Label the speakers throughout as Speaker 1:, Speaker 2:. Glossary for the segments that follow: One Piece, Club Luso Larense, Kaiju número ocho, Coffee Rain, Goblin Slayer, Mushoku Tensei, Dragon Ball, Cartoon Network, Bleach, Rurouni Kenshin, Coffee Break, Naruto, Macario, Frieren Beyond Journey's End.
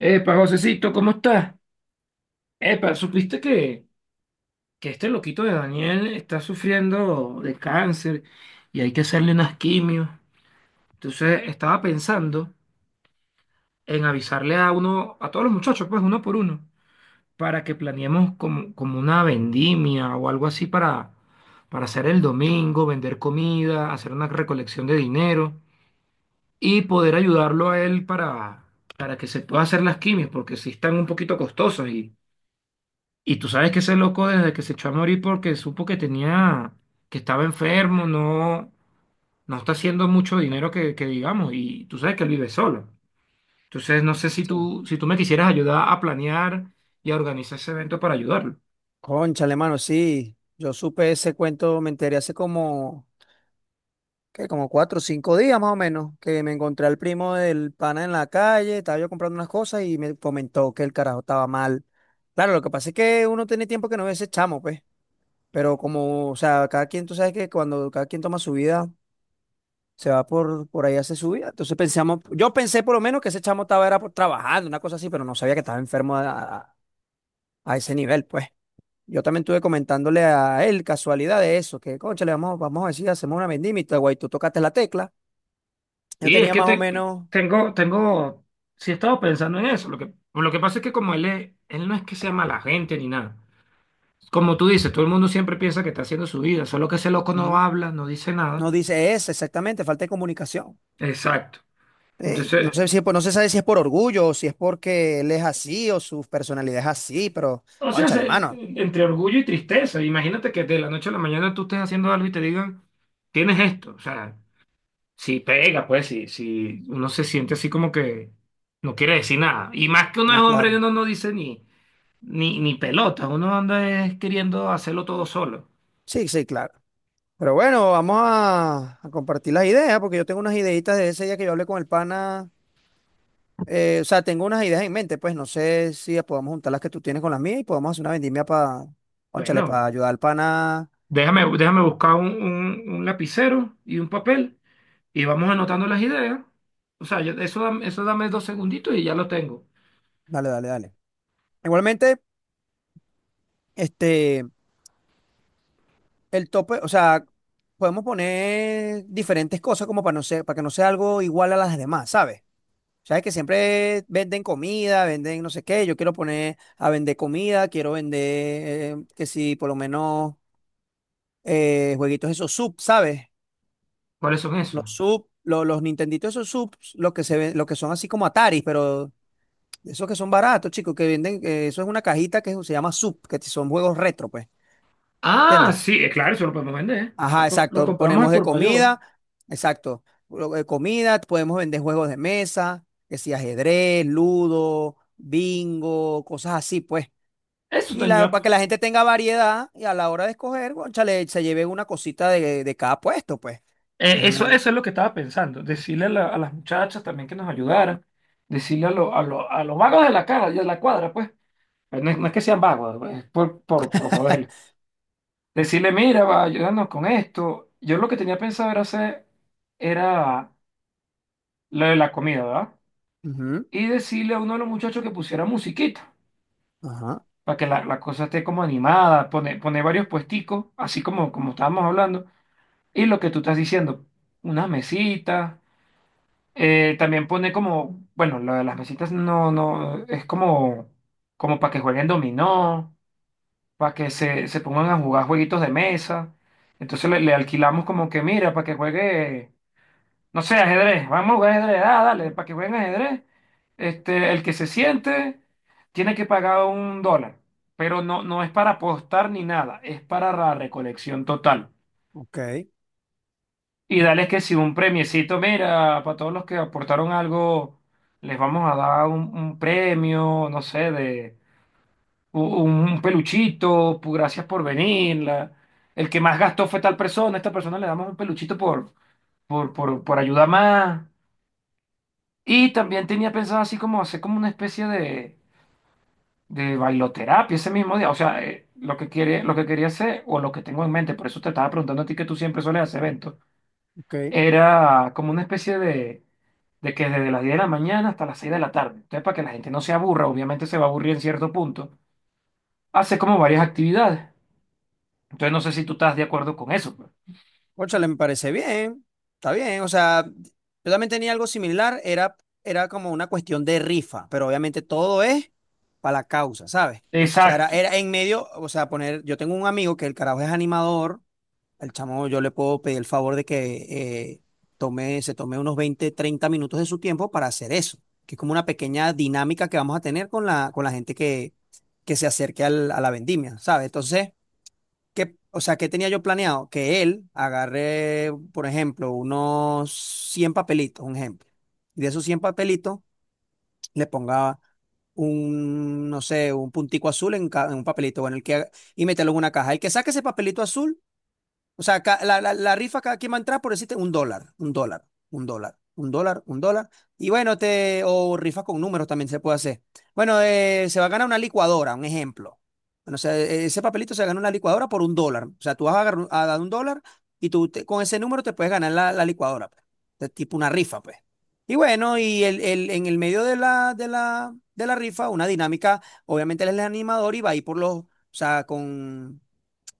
Speaker 1: Epa, Josecito, ¿cómo estás? Epa, ¿supiste que este loquito de Daniel está sufriendo de cáncer y hay que hacerle unas quimios? Entonces estaba pensando en avisarle a uno, a todos los muchachos, pues uno por uno, para que planeemos como una vendimia o algo así para hacer el domingo, vender comida, hacer una recolección de dinero y poder ayudarlo a él para que se pueda hacer las quimios, porque sí están un poquito costosas. Y tú sabes que ese loco desde que se echó a morir porque supo que tenía, que estaba enfermo, no, no está haciendo mucho dinero que digamos, y tú sabes que él vive solo. Entonces no sé si
Speaker 2: Sí.
Speaker 1: tú, si tú me quisieras ayudar a planear y a organizar ese evento para ayudarlo.
Speaker 2: Cónchale, mano, sí. Yo supe ese cuento, me enteré hace como, ¿qué? Como 4 o 5 días más o menos, que me encontré al primo del pana en la calle. Estaba yo comprando unas cosas y me comentó que el carajo estaba mal. Claro, lo que pasa es que uno tiene tiempo que no ve ese chamo, pues. Pero como, o sea, cada quien, tú sabes que cuando cada quien toma su vida, se va por ahí, hace su vida. Entonces pensamos, yo pensé por lo menos que ese chamo estaba era trabajando, una cosa así, pero no sabía que estaba enfermo a a ese nivel, pues. Yo también estuve comentándole a él casualidad de eso, que concha, le vamos a decir, hacemos una vendimita, güey, tú tocaste la tecla. Yo
Speaker 1: Y es
Speaker 2: tenía
Speaker 1: que
Speaker 2: más o menos,
Speaker 1: tengo, sí he estado pensando en eso. Lo que pasa es que como él no es que sea mala gente ni nada. Como tú dices, todo el mundo siempre piensa que está haciendo su vida, solo que ese loco
Speaker 2: ujú,
Speaker 1: no habla, no dice nada.
Speaker 2: no dice eso exactamente, falta de comunicación.
Speaker 1: Exacto.
Speaker 2: Sí, no
Speaker 1: Entonces,
Speaker 2: sé si, no se sabe si es por orgullo o si es porque él es así o su personalidad es así, pero
Speaker 1: o sea,
Speaker 2: cónchale, mano.
Speaker 1: entre orgullo y tristeza. Imagínate que de la noche a la mañana tú estés haciendo algo y te digan, tienes esto. O sea, si pega, pues, si, si uno se siente así como que no quiere decir nada. Y más que uno es
Speaker 2: No,
Speaker 1: hombre y
Speaker 2: claro.
Speaker 1: uno no dice ni pelota. Uno anda es queriendo hacerlo todo solo.
Speaker 2: Sí, sí, claro. Pero bueno, vamos a compartir las ideas, porque yo tengo unas ideitas de ese día que yo hablé con el pana. O sea, tengo unas ideas en mente, pues no sé si podemos juntar las que tú tienes con las mías y podemos hacer una vendimia para, ónchale, para
Speaker 1: Bueno,
Speaker 2: ayudar al pana.
Speaker 1: déjame buscar un lapicero y un papel y vamos anotando las ideas. O sea, eso, eso dame dos segunditos y ya lo tengo.
Speaker 2: Dale, dale, dale. Igualmente, este, el tope, o sea, podemos poner diferentes cosas como para no ser, para que no sea algo igual a las demás, ¿sabes? Sabes que siempre venden comida, venden no sé qué. Yo quiero poner a vender comida, quiero vender, que si por lo menos jueguitos esos sub, ¿sabes?
Speaker 1: ¿Cuáles son esos?
Speaker 2: Los sub, los Nintenditos, esos subs, los que se ven, los que son así como Ataris, pero esos que son baratos, chicos, que venden, eso es una cajita que se llama sub, que son juegos retro, pues,
Speaker 1: Ah,
Speaker 2: ¿entiendes?
Speaker 1: sí, claro, eso lo podemos vender. Los,
Speaker 2: Ajá,
Speaker 1: com- los
Speaker 2: exacto.
Speaker 1: compramos al
Speaker 2: Ponemos de
Speaker 1: por mayor.
Speaker 2: comida, exacto. Comida, podemos vender juegos de mesa, que si ajedrez, ludo, bingo, cosas así, pues.
Speaker 1: Eso
Speaker 2: Y la,
Speaker 1: tenía,
Speaker 2: para que la gente tenga variedad y a la hora de escoger, cónchale, se lleve una cosita de cada puesto, pues. Es
Speaker 1: eso,
Speaker 2: medio-
Speaker 1: eso es lo que estaba pensando. Decirle a las muchachas también que nos ayudaran. Decirle a los vagos de la cara, de la cuadra, pues. Pero no es que sean vagos, pues, es por joder. Decirle, mira, va, ayúdanos con esto. Yo lo que tenía pensado era lo de la comida, ¿verdad?
Speaker 2: Ujú,
Speaker 1: Y decirle a uno de los muchachos que pusiera musiquita,
Speaker 2: ajá,
Speaker 1: para que la cosa esté como animada, poner varios puesticos, así como estábamos hablando. Y lo que tú estás diciendo, una mesita. También pone como, bueno, lo de las mesitas no, no, es como para que jueguen dominó, para que se pongan a jugar jueguitos de mesa. Entonces le alquilamos como que, mira, para que juegue, no sé, ajedrez, vamos a jugar ajedrez, ah, dale, para que jueguen ajedrez. Este, el que se siente tiene que pagar $1, pero no, no es para apostar ni nada, es para la recolección total.
Speaker 2: ok,
Speaker 1: Y dales que si un premiecito, mira, para todos los que aportaron algo, les vamos a dar un premio, no sé, de un peluchito, gracias por venir. El que más gastó fue tal persona, a esta persona le damos un peluchito por ayuda más. Y también tenía pensado así como hacer como una especie de bailoterapia ese mismo día. O sea, lo que quería hacer, o lo que tengo en mente, por eso te estaba preguntando a ti que tú siempre sueles hacer eventos,
Speaker 2: ok.
Speaker 1: era como una especie de que desde las 10 de la mañana hasta las 6 de la tarde. Entonces, para que la gente no se aburra, obviamente se va a aburrir en cierto punto, hace como varias actividades. Entonces, no sé si tú estás de acuerdo con eso, pues.
Speaker 2: Cónchale, me parece bien, está bien. O sea, yo también tenía algo similar, era como una cuestión de rifa, pero obviamente todo es para la causa, ¿sabes? O sea, era,
Speaker 1: Exacto,
Speaker 2: era en medio, o sea, poner, yo tengo un amigo que el carajo es animador. El chamo yo le puedo pedir el favor de que eh, tome, se tome unos 20 30 minutos de su tiempo para hacer eso, que es como una pequeña dinámica que vamos a tener con la gente que se acerque a la vendimia, ¿sabes? Entonces... ¿Qué, o sea, qué tenía yo planeado? Que él agarre, por ejemplo, unos 100 papelitos, un ejemplo. Y de esos 100 papelitos le ponga un, no sé, un puntico azul en, en un papelito, bueno, el que, y meterlo en una caja. El que saque ese papelito azul, o sea, la rifa, cada quien va a entrar por decirte $1, $1, $1, un dólar, un dólar. Y bueno, o rifa con números también se puede hacer. Bueno, se va a ganar una licuadora, un ejemplo. Bueno, o sea, ese papelito se gana una licuadora por $1. O sea, tú vas a dar $1, y tú con ese número te puedes ganar la licuadora, pues. De tipo una rifa, pues. Y bueno, y en el medio de la rifa, una dinámica, obviamente él es el animador y va a ir por los, o sea, con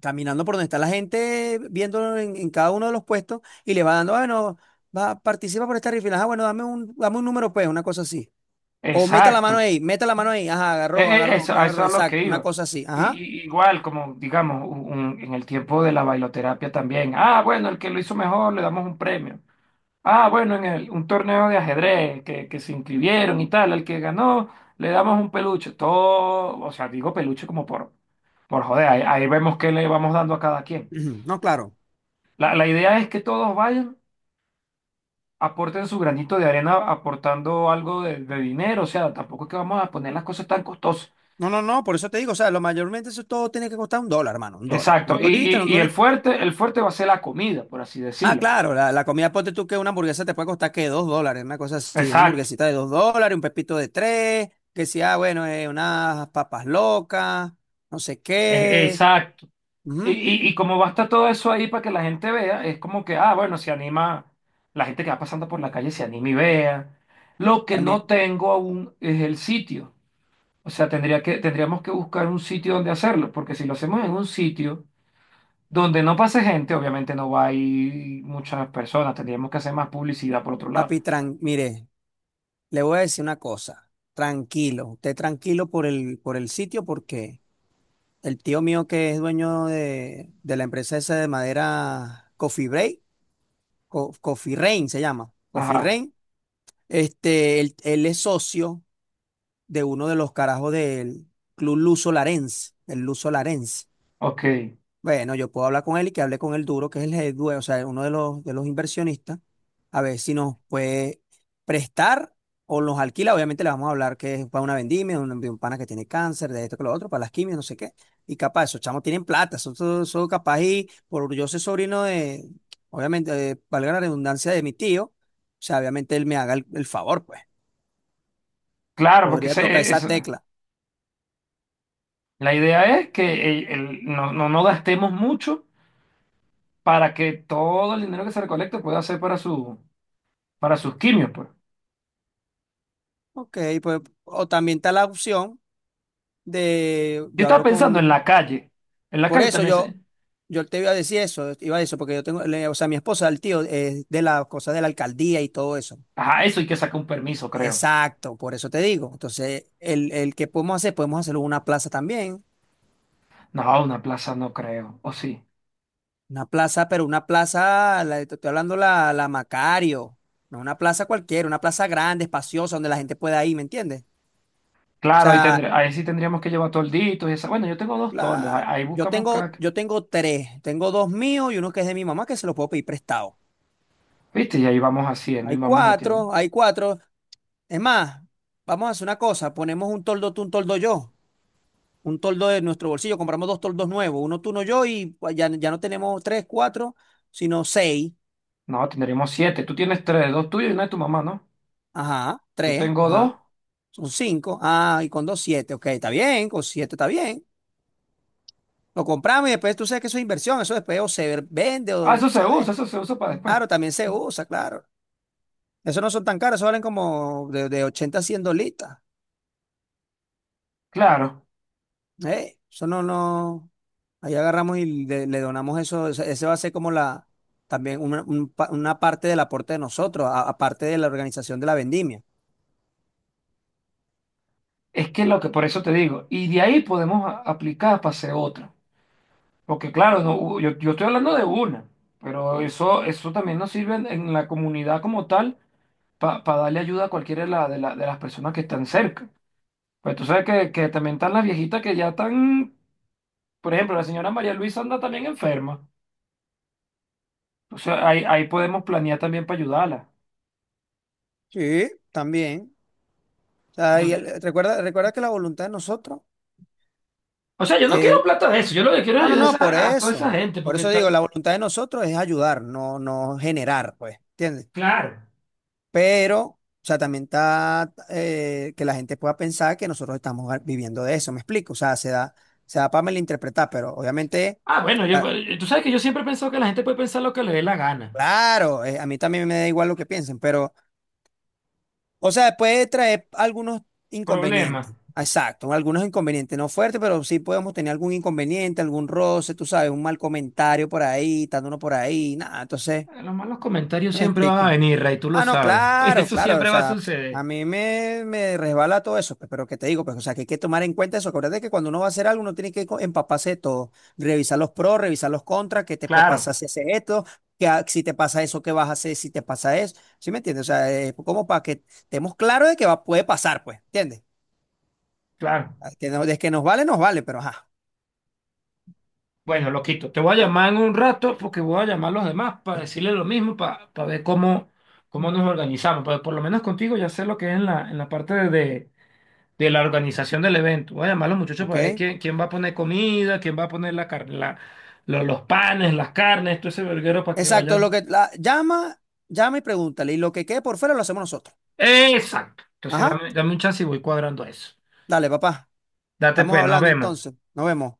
Speaker 2: caminando por donde está la gente, viéndolo en cada uno de los puestos y le va dando: "Ah, bueno, va, participa por esta rifle, ah, bueno, dame un número, pues, una cosa así". O meta la mano
Speaker 1: exacto.
Speaker 2: ahí, meta la mano ahí, ajá,
Speaker 1: E-
Speaker 2: agarró,
Speaker 1: e-
Speaker 2: agarró,
Speaker 1: eso,
Speaker 2: que
Speaker 1: a eso
Speaker 2: agarró,
Speaker 1: es a lo que
Speaker 2: exacto, una
Speaker 1: iba.
Speaker 2: cosa así,
Speaker 1: Y,
Speaker 2: ajá.
Speaker 1: y igual, como digamos, en el tiempo de la bailoterapia también. Ah, bueno, el que lo hizo mejor le damos un premio. Ah, bueno, un torneo de ajedrez que se inscribieron y tal, al que ganó le damos un peluche, todo, o sea, digo peluche como por joder, ahí, ahí vemos qué le vamos dando a cada quien.
Speaker 2: Ujú, no, claro.
Speaker 1: La idea es que todos vayan, aporten su granito de arena aportando algo de dinero, o sea, tampoco es que vamos a poner las cosas tan costosas.
Speaker 2: No, no, no, por eso te digo, o sea, lo mayormente eso todo tiene que costar $1, hermano, $1. Un
Speaker 1: Exacto, y,
Speaker 2: dolita, un
Speaker 1: y, y
Speaker 2: dólar.
Speaker 1: el fuerte va a ser la comida, por así
Speaker 2: Ah,
Speaker 1: decirlo.
Speaker 2: claro, la comida, ponte tú que una hamburguesa te puede costar que $2, una cosa así, una
Speaker 1: Exacto,
Speaker 2: hamburguesita de $2, un pepito de tres, que si, ah, bueno, unas papas locas, no sé qué.
Speaker 1: exacto. Y,
Speaker 2: Ujú.
Speaker 1: y, y como va a estar todo eso ahí para que la gente vea, es como que, ah, bueno, se anima, la gente que va pasando por la calle se anima y vea. Lo que no
Speaker 2: También,
Speaker 1: tengo aún es el sitio. O sea, tendríamos que buscar un sitio donde hacerlo, porque si lo hacemos en un sitio donde no pase gente, obviamente no va a ir muchas personas, tendríamos que hacer más publicidad por otro lado.
Speaker 2: papi, mire, le voy a decir una cosa, tranquilo, usted tranquilo por el sitio, porque el tío mío que es dueño de la empresa esa de madera Coffee Break, Coffee Rain se llama, Coffee
Speaker 1: Ajá,
Speaker 2: Rain, este, él es socio de uno de los carajos del Club Luso Larense, el Luso Larense.
Speaker 1: ok.
Speaker 2: Bueno, yo puedo hablar con él y que hable con el duro, que es el o sea, uno de los inversionistas, a ver si nos puede prestar o nos alquila. Obviamente le vamos a hablar que es para una vendimia, un, de un pana que tiene cáncer, de esto que lo otro, para las quimios, no sé qué. Y capaz, esos chamos tienen plata, son, capaz y por yo ser sobrino de, obviamente, valga la redundancia de mi tío, o sea, obviamente él me haga el favor, pues.
Speaker 1: Claro, porque
Speaker 2: Podría tocar esa tecla.
Speaker 1: la idea es que no, no, no gastemos mucho para que todo el dinero que se recolecte pueda ser para su para sus quimios, pues.
Speaker 2: Ok, pues, o también está la opción de,
Speaker 1: Yo
Speaker 2: yo
Speaker 1: estaba
Speaker 2: hablo
Speaker 1: pensando en la calle. En la
Speaker 2: por
Speaker 1: calle
Speaker 2: eso
Speaker 1: también se...
Speaker 2: yo te iba a decir eso, iba a decir eso, porque yo tengo, o sea, mi esposa, el tío, es de las cosas de la alcaldía y todo eso.
Speaker 1: Ajá, eso hay que sacar un permiso, creo.
Speaker 2: Exacto, por eso te digo. Entonces, el que podemos hacer, podemos hacerlo en una plaza también,
Speaker 1: No, una plaza no creo. O sí.
Speaker 2: una plaza, pero una plaza, te estoy hablando la Macario, no una plaza cualquiera, una plaza grande, espaciosa, donde la gente pueda ir, ¿me entiendes? O
Speaker 1: Claro,
Speaker 2: sea,
Speaker 1: ahí sí tendríamos que llevar tolditos y esa. Bueno, yo tengo dos toldos. Ahí,
Speaker 2: claro.
Speaker 1: ahí buscamos cada...
Speaker 2: Yo tengo tres. Tengo dos míos y uno que es de mi mamá que se lo puedo pedir prestado.
Speaker 1: ¿Viste? Y ahí vamos haciendo y
Speaker 2: Hay
Speaker 1: vamos metiendo.
Speaker 2: cuatro, hay cuatro. Es más, vamos a hacer una cosa. Ponemos un toldo tú, un toldo yo. Un toldo de nuestro bolsillo. Compramos dos toldos nuevos. Uno tú, uno yo, y pues, ya, ya no tenemos tres, cuatro, sino seis.
Speaker 1: No, tendríamos siete. Tú tienes tres, dos tuyos y una de tu mamá, ¿no?
Speaker 2: Ajá,
Speaker 1: Yo
Speaker 2: tres,
Speaker 1: tengo dos.
Speaker 2: ajá. Son cinco. Ah, y con dos, siete. Ok, está bien. Con siete está bien. Lo compramos y después tú sabes que eso es inversión. Eso después o se vende
Speaker 1: Ah,
Speaker 2: o,
Speaker 1: eso se
Speaker 2: ¿sabes?
Speaker 1: usa, eso se usa para después.
Speaker 2: Claro, también se usa, claro. Eso no son tan caros, eso valen como de 80 a 100 dolitas.
Speaker 1: Claro.
Speaker 2: Eso no, no. Ahí agarramos y le donamos eso. Ese va a ser como la, también una parte del aporte de nosotros, aparte de la organización de la vendimia.
Speaker 1: Es que lo que por eso te digo. Y de ahí podemos aplicar para hacer otra. Porque claro, no, yo estoy hablando de una, pero eso también nos sirve en la comunidad como tal para darle ayuda a cualquiera de las personas que están cerca. Pues tú sabes que también están las viejitas que ya están, por ejemplo, la señora María Luisa anda también enferma. O sea, ahí podemos planear también para ayudarla.
Speaker 2: Sí, también. O sea, y
Speaker 1: Entonces,
Speaker 2: recuerda, recuerda que la voluntad de nosotros,
Speaker 1: o sea, yo no quiero
Speaker 2: eh,
Speaker 1: plata de eso, yo lo que quiero es
Speaker 2: no, no,
Speaker 1: ayudar a,
Speaker 2: no, por
Speaker 1: esa- a toda
Speaker 2: eso.
Speaker 1: esa gente
Speaker 2: Por
Speaker 1: porque
Speaker 2: eso digo,
Speaker 1: están...
Speaker 2: la voluntad de nosotros es ayudar, no, no generar, pues. ¿Entiendes?
Speaker 1: Claro.
Speaker 2: Pero, o sea, también está que la gente pueda pensar que nosotros estamos viviendo de eso, ¿me explico? O sea, se da para malinterpretar, pero obviamente,
Speaker 1: Ah, bueno,
Speaker 2: o
Speaker 1: tú sabes que yo siempre he pensado que la gente puede pensar lo que le dé la gana.
Speaker 2: claro, a mí también me da igual lo que piensen, pero, o sea, puede traer algunos
Speaker 1: Problema.
Speaker 2: inconvenientes, exacto, algunos inconvenientes, no fuertes, pero sí podemos tener algún inconveniente, algún roce, tú sabes, un mal comentario por ahí, dándonos por ahí, nada, entonces,
Speaker 1: Los malos comentarios
Speaker 2: ¿me
Speaker 1: siempre van a
Speaker 2: explico?
Speaker 1: venir, Ray, tú lo
Speaker 2: Ah, no,
Speaker 1: sabes.
Speaker 2: claro,
Speaker 1: Eso
Speaker 2: claro, o
Speaker 1: siempre va a
Speaker 2: sea, a
Speaker 1: suceder.
Speaker 2: mí me resbala todo eso, pues, pero que te digo, pues, o sea, que hay que tomar en cuenta eso. Acuérdate que cuando uno va a hacer algo, uno tiene que empaparse de todo, revisar los pros, revisar los contras, qué te puede
Speaker 1: Claro,
Speaker 2: pasar si haces esto, si te pasa eso, qué vas a hacer si te pasa eso, ¿sí me entiendes? O sea, como para que estemos claros de que va, puede pasar, pues, ¿entiendes?
Speaker 1: claro.
Speaker 2: Ah, que no, de que nos vale, pero ajá,
Speaker 1: Bueno, loquito, te voy a llamar en un rato porque voy a llamar a los demás para decirles lo mismo, para ver cómo nos organizamos. Pero por lo menos contigo ya sé lo que es en la parte de la organización del evento. Voy a llamar a los muchachos para ver
Speaker 2: ¿ok?
Speaker 1: quién va a poner comida, quién va a poner la, car- la- lo- los panes, las carnes, todo ese verguero para que
Speaker 2: Exacto, lo
Speaker 1: vayan.
Speaker 2: que llama, llama y pregúntale, y lo que quede por fuera lo hacemos nosotros.
Speaker 1: Exacto. Entonces
Speaker 2: Ajá,
Speaker 1: dame un chance y voy cuadrando eso.
Speaker 2: dale, papá,
Speaker 1: Date
Speaker 2: estamos
Speaker 1: pues, nos
Speaker 2: hablando
Speaker 1: vemos.
Speaker 2: entonces, nos vemos.